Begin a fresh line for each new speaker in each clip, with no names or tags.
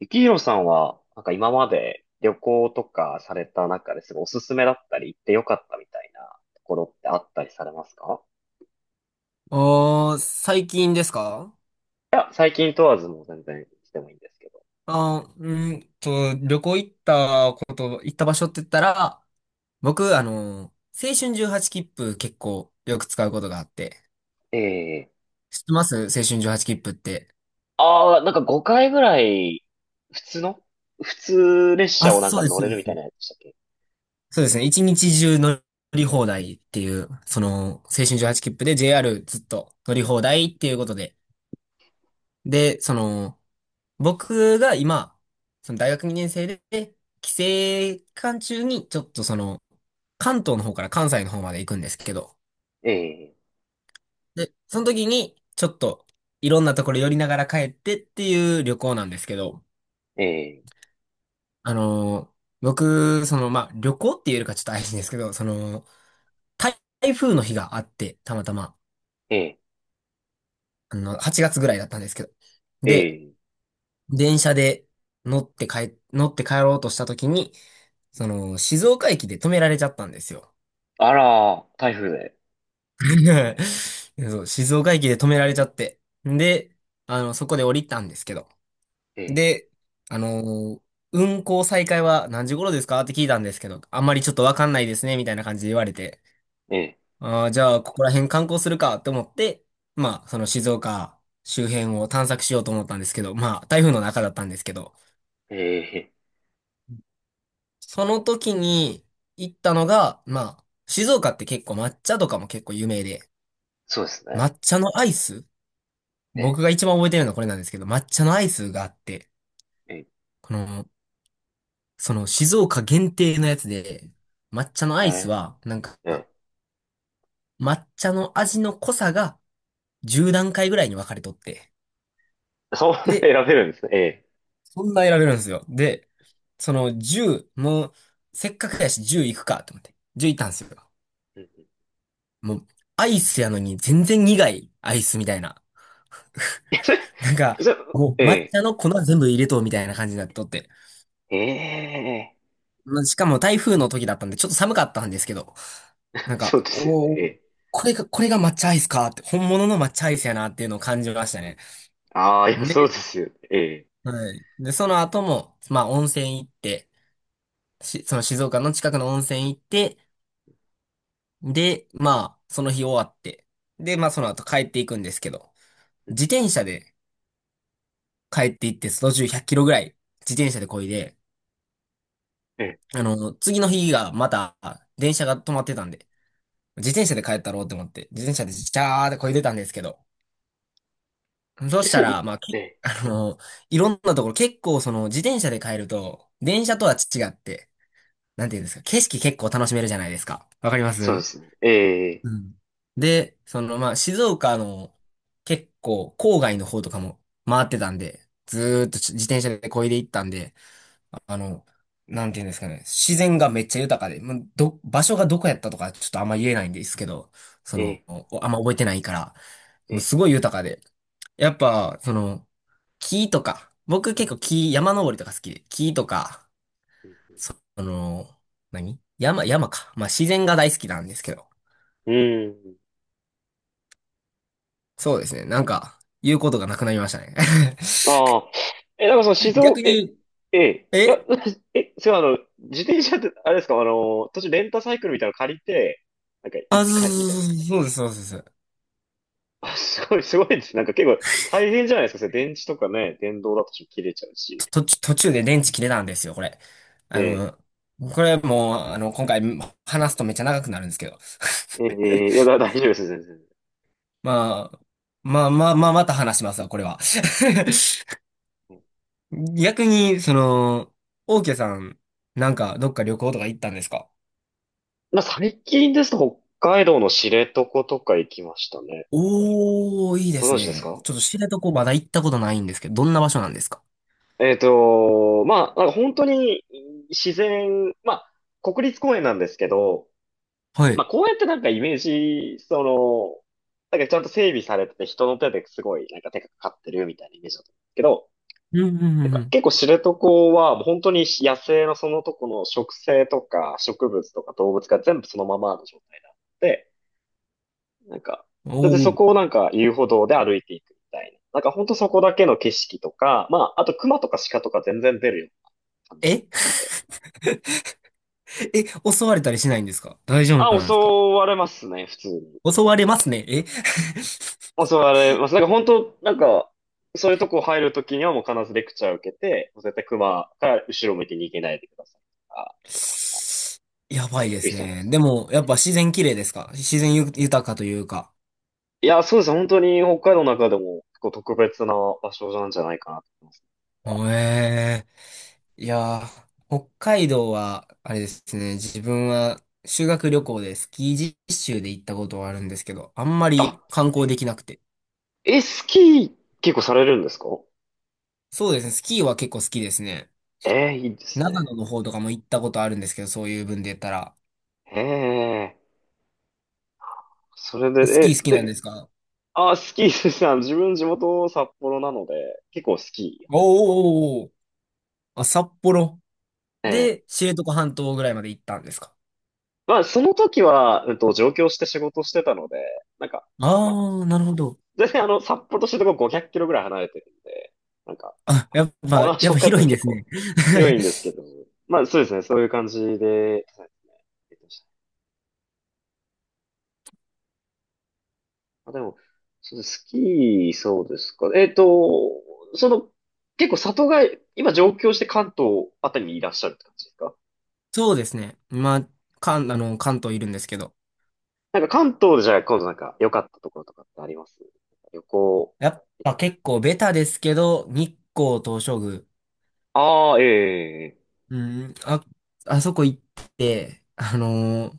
ゆきひろさんは、なんか今まで旅行とかされた中ですごいおすすめだったり行ってよかったみたいなところってあったりされますか？
ああ、最近ですか？
いや、最近問わずもう全然してもいいんですけど。
あー、うんと、旅行行ったこと、行った場所って言ったら、僕、青春18切符結構よく使うことがあって。
ええ。
知ってます青春18切符って？
ああー、なんか5回ぐらい、普通の普通列
あ、
車をなん
そ
か
うです、
乗
そう
れ
で
るみたい
す。
なやつでしたっけ？
そうですね。一日中乗り放題っていう、青春18切符で JR ずっと乗り放題っていうことで。で、僕が今、その大学2年生で、帰省期間中に、ちょっと関東の方から関西の方まで行くんですけど、
ええ、
で、その時に、ちょっと、いろんなところ寄りながら帰ってっていう旅行なんですけど、
ええ、
あのー僕、まあ、旅行って言えるかちょっと怪しいんですけど、台風の日があって、たまたま、
ええ、
8月ぐらいだったんですけど、で、
ええ。
電車で乗って帰ろうとした時に、静岡駅で止められちゃったんですよ。
あらー、台風で。
そう、静岡駅で止められちゃって。で、そこで降りたんですけど。
ええ、
で、あのー運行再開は何時頃ですかって聞いたんですけど、あんまりちょっとわかんないですね、みたいな感じで言われて。
え
ああじゃあ、ここら辺観光するかと思って、まあ、その静岡周辺を探索しようと思ったんですけど、まあ、台風の中だったんですけど、
え、ええ。
その時に行ったのが、まあ、静岡って結構抹茶とかも結構有名で、
そうですね。
抹茶のアイス、
え
僕が一番覚えてるのはこれなんですけど、抹茶のアイスがあって、
え、え
この、その静岡限定のやつで、抹茶のアイス
え、
は、なんか、
ええ。
抹茶の味の濃さが10段階ぐらいに分かれとって。
そんな
で、
選べるんですね。
そんな得られるんですよ。で、その10、もう、せっかくやし10行くかと思って。10行ったんですよ。
ええ。
もう、アイスやのに全然苦いアイスみたいな。なんか、
じゃ、
も
え
う抹
え、
茶の粉全部入れとうみたいな感じになっとって。
ええ、
まあしかも台風の時だったんで、ちょっと寒かったんですけど、なん
そ
か、
うですよね。ええ。
これが抹茶アイスかって、本物の抹茶アイスやなっていうのを感じましたね。
ああ、いや、そうで
で、
すよね。ええ、
はい。で、その後も、まあ、温泉行って、その静岡の近くの温泉行って、で、まあ、その日終わって、で、まあ、
う
そ
んう
の後帰っていくんですけど、自
ん、
転車で帰って行って、途中100キロぐらい自転車で漕いで、
え
次の日がまた、電車が止まってたんで、自転車で帰ったろうって思って、自転車でジャーって漕いでたんですけど、そう
え、え、
し
そ
た
れ、
ら、まあ、
ええ、
いろんなところ、結構その自転車で帰ると、電車とは違って、なんていうんですか、景色結構楽しめるじゃないですか。わかりま
そうで
す？
すね。ええ、
うん。で、まあ、静岡の結構郊外の方とかも回ってたんで、ずーっと自転車で漕いで行ったんで、あの、なんていうんですかね、自然がめっちゃ豊かで、まあ場所がどこやったとかちょっとあんま言えないんですけど、
ええ、
あんま覚えてないから、
え
もう
え、
すごい豊かで、やっぱ、木とか、僕結構山登りとか好きで、木とか、その、山か。まあ自然が大好きなんですけど。
うん。うん。
そうですね。なんか、言うことがなくなりましたね。
ああ、え、なんかその 静岡、
逆
え、
に、
ええ、い
え
や、え、そう、自転車って、あれですか、途中レンタサイクルみたいなの借りて、なんか行っ
あ、
て返すみたいな。
そうそうそうそうそうそうそうで
あ、すごい、すごいです。なんか結構大変じゃないですか。それ電池とかね、電動だと切れちゃうし。
す。途中途中で電池切れたんですよ、これ。
え
あ
え、
の、これもう、今回話すとめっちゃ長くなるんですけど。
ええ、いや、大丈夫です。全然。
まあ、まあまあまあ、また話しますわ、これは。
うん。
逆に、オーケーさん、なんか、どっか旅行とか行ったんですか？
まあ、最近ですと北海道の知床とか行きましたね。
おー、いいで
ご
す
存知です
ね。
か？
ちょっと知床まだ行ったことないんですけど、どんな場所なんですか？
まあ、なんか本当に自然、まあ、国立公園なんですけど、
は
ま
い。
あ、公園ってなんかイメージ、その、なんかちゃんと整備されてて人の手ですごいなんか手がかかってるみたいなイメージだったんですけど、
うんうん
なん
う
か
ん
結構知床はもう本当に野生のそのとこの植生とか植物とか動物が全部そのままの状態だって、なんか、
うん。
だって
お
そ
お。
こをなんか遊歩道で歩いていくみたいな。なんかほんとそこだけの景色とか、まあ、あと熊とか鹿とか全然出るような感じで
え
しょうね。
え、襲われたりしないんですか？大丈夫
あ、
なん
襲
ですか？
われますね、普通に。
襲われますね。え
襲われます。なんか本当なんか、そういうとこ入るときにはもう必ずレクチャー受けて、もう絶対熊から後ろ向いて逃げないでくださいとか、
やばいで
言っ
す
てたんで
ね。
す
で
ね。
も、やっぱ自然綺麗ですか？自然豊かというか。
いや、そうですね、本当に北海道の中でも結構特別な場所なんじゃないかなと思います。
おえいやー、北海道は、あれですね、自分は修学旅行でスキー実習で行ったことはあるんですけど、あんま
あ、
り観光で
え、
きなくて。
えスキー結構されるんですか？
そうですね、スキーは結構好きですね。
いいです
長
ね。
野の方とかも行ったことあるんですけど、そういう分で言ったら。
へえ。それ
スキー
で、え、
好きなんで
で、
すか？
あ、スキーですね、自分地元札幌なので、結構スキーやっ
お
てます。
ーおーおーおー、あ、札幌。
ええ。
で、知床半島ぐらいまで行ったんですか？
まあ、その時は、上京して仕事してたので、なんか、
ああ
まあ、
ー、なるほど。
全然札幌としてとこ500キロぐらい離れてるんで、なんか、
あ、やっぱ、
同じ
やっ
北
ぱ
海
広
道
いんで
結
す
構
ね。
広いんです けど、まあ、そうですね、そういう感じで、あ、でも、そうですスキー、そうですか。その、結構里帰り、今上京して関東あたりにいらっしゃるって感じですか？
そうですね。まあ、関、あの、関東いるんですけど。
なんか関東でじゃあ今度なんか良かったところとかってあります？旅行。
やっぱ結構ベタですけど、日光東照宮。
ああ、ええ、
うん、あ、あそこ行って、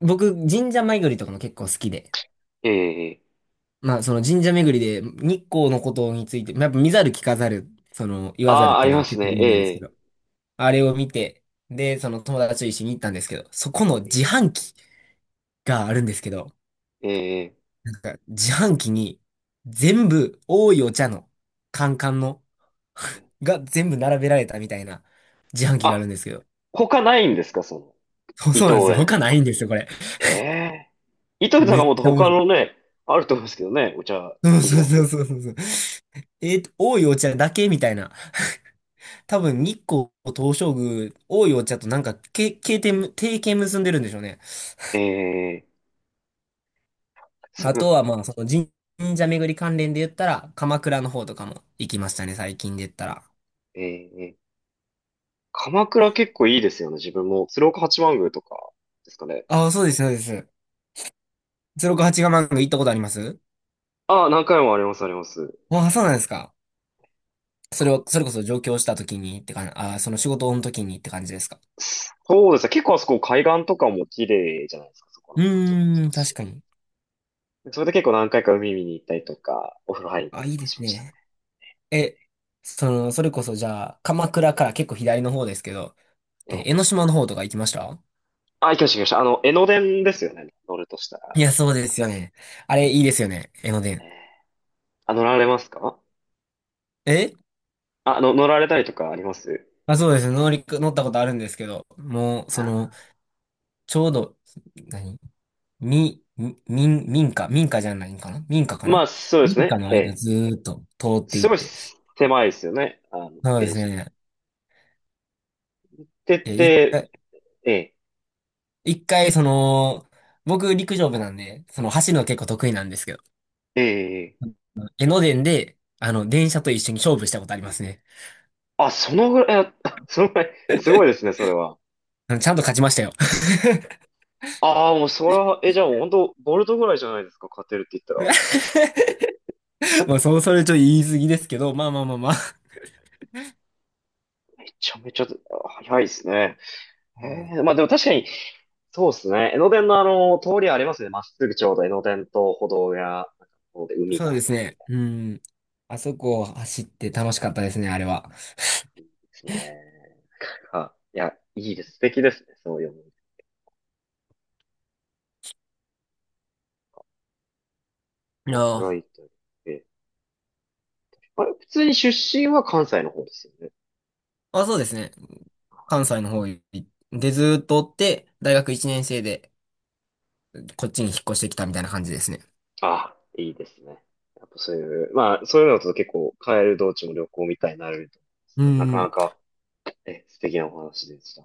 僕、神社巡りとかも結構好きで。
ええ、ええ。
まあ、その神社巡りで日光のことについて、まあやっぱ見ざる聞かざる、その言わざる
あ
っ
あー、あ
ていう
り
の
ま
は
す
結構
ね。
有名ですけ
え
ど、あれを見て、で、その友達と一緒に行ったんですけど、そこの
え、
自販機があるんですけど、
ええ、
なんか、自販機に全部多いお茶のカンカンの
ええ。
が全部並べられたみたいな自販機がある
あ、
んですけど。
他ないんですかその、
そう
伊
そう
藤
なんですよ。
園。
他ないんですよ、これ。
ええ。伊藤園さん
め
が
っ
もっと
ちゃ面
他
白い。
のね、あると思うんですけどね。お茶、
そうそう
短い
そ
と。
うそうそう。多いお茶だけみたいな。多分、日光東照宮、多いお茶となんか、提携結んでるんでしょうね。
ええ、そ
あと
う、
は、まあ、その神社巡り関連で言ったら、鎌倉の方とかも行きましたね、最近で言ったら。
えええ。鎌倉結構いいですよね。自分も。鶴岡八幡宮とかですかね。
ああ、そうです、そうです。068ガマンが行ったことあります？
ああ、何回もあります、あります。
ああ、そうなんですか。
か、
それこそ上京した時にって感じ、ああ、その仕事の時にって感じですか？
そうですね。結構あそこ海岸とかも綺麗じゃないですか、そこ
う
の八幡宮で
ー
す
ん、確
し。
かに。
それで結構何回か海見に行ったりとか、お風呂入りに行った
あ、
りと
いい
か
で
し
す
ましたね。
ね。え、それこそじゃあ、鎌倉から結構左の方ですけど、
え
え、
え。
江ノ島の方とか行きました？
あ、行きました、行きました。あの、江ノ電ですよね。乗るとしたら。
いや、そうですよね。あれ、いいですよね。江ノ
え
電。
え。あ、乗られますか？
え
あ、の、乗られたりとかあります？
あ、そうです。乗ったことあるんですけど、もう、
あ、
ちょうど、何み、み、民民家、民家じゃないんかな、民家か
ま
な？
あ、そうです
民家
ね。
の
え
間
え、
ずーっと通っていっ
すごい
て。
狭いですよね。あの、
そうで
ペー
す
ジ。っ
ね。い
て
や、一回、
て、ええ、
一回、僕陸上部なんで、その走るの結構得意なんですけど、
ええ、ええ。
江ノ電で、電車と一緒に勝負したことありますね。
あ、そのぐらい、あ そのぐらい、すごいですね、それは。
ちゃんと勝ちましたよ。
ああ、もうそれは、え、じゃあもう本当ボルトぐらいじゃないですか、勝てるって言ったら。
まあ、そう、それちょっと言い過ぎですけど、まあまあまあまあ。
めちゃめちゃ、あ早いですね。へ
うん、
え、まあでも確かに、そうですね。江ノ電の通りありますね。まっすぐちょうど江ノ電と歩道や、なんかこうで海
そう
が、
ですね。うん。あそこを走って楽しかったですね、あれは。
ですね。あ、いや、いいです。素敵ですね、そういう思い。
いや
僕ら行
ー、
ったり。え、あれ、普通に出身は関西の方ですよね。
あ、そうですね。関西の方にで、ずーっとおって、大学1年生でこっちに引っ越してきたみたいな感じですね。
あ、いいですね。やっぱそういう、まあ、そういうのだと結構、帰る道中も旅行みたいになれると思うんです
う
が、なかな
ん。
か、え、素敵なお話でした。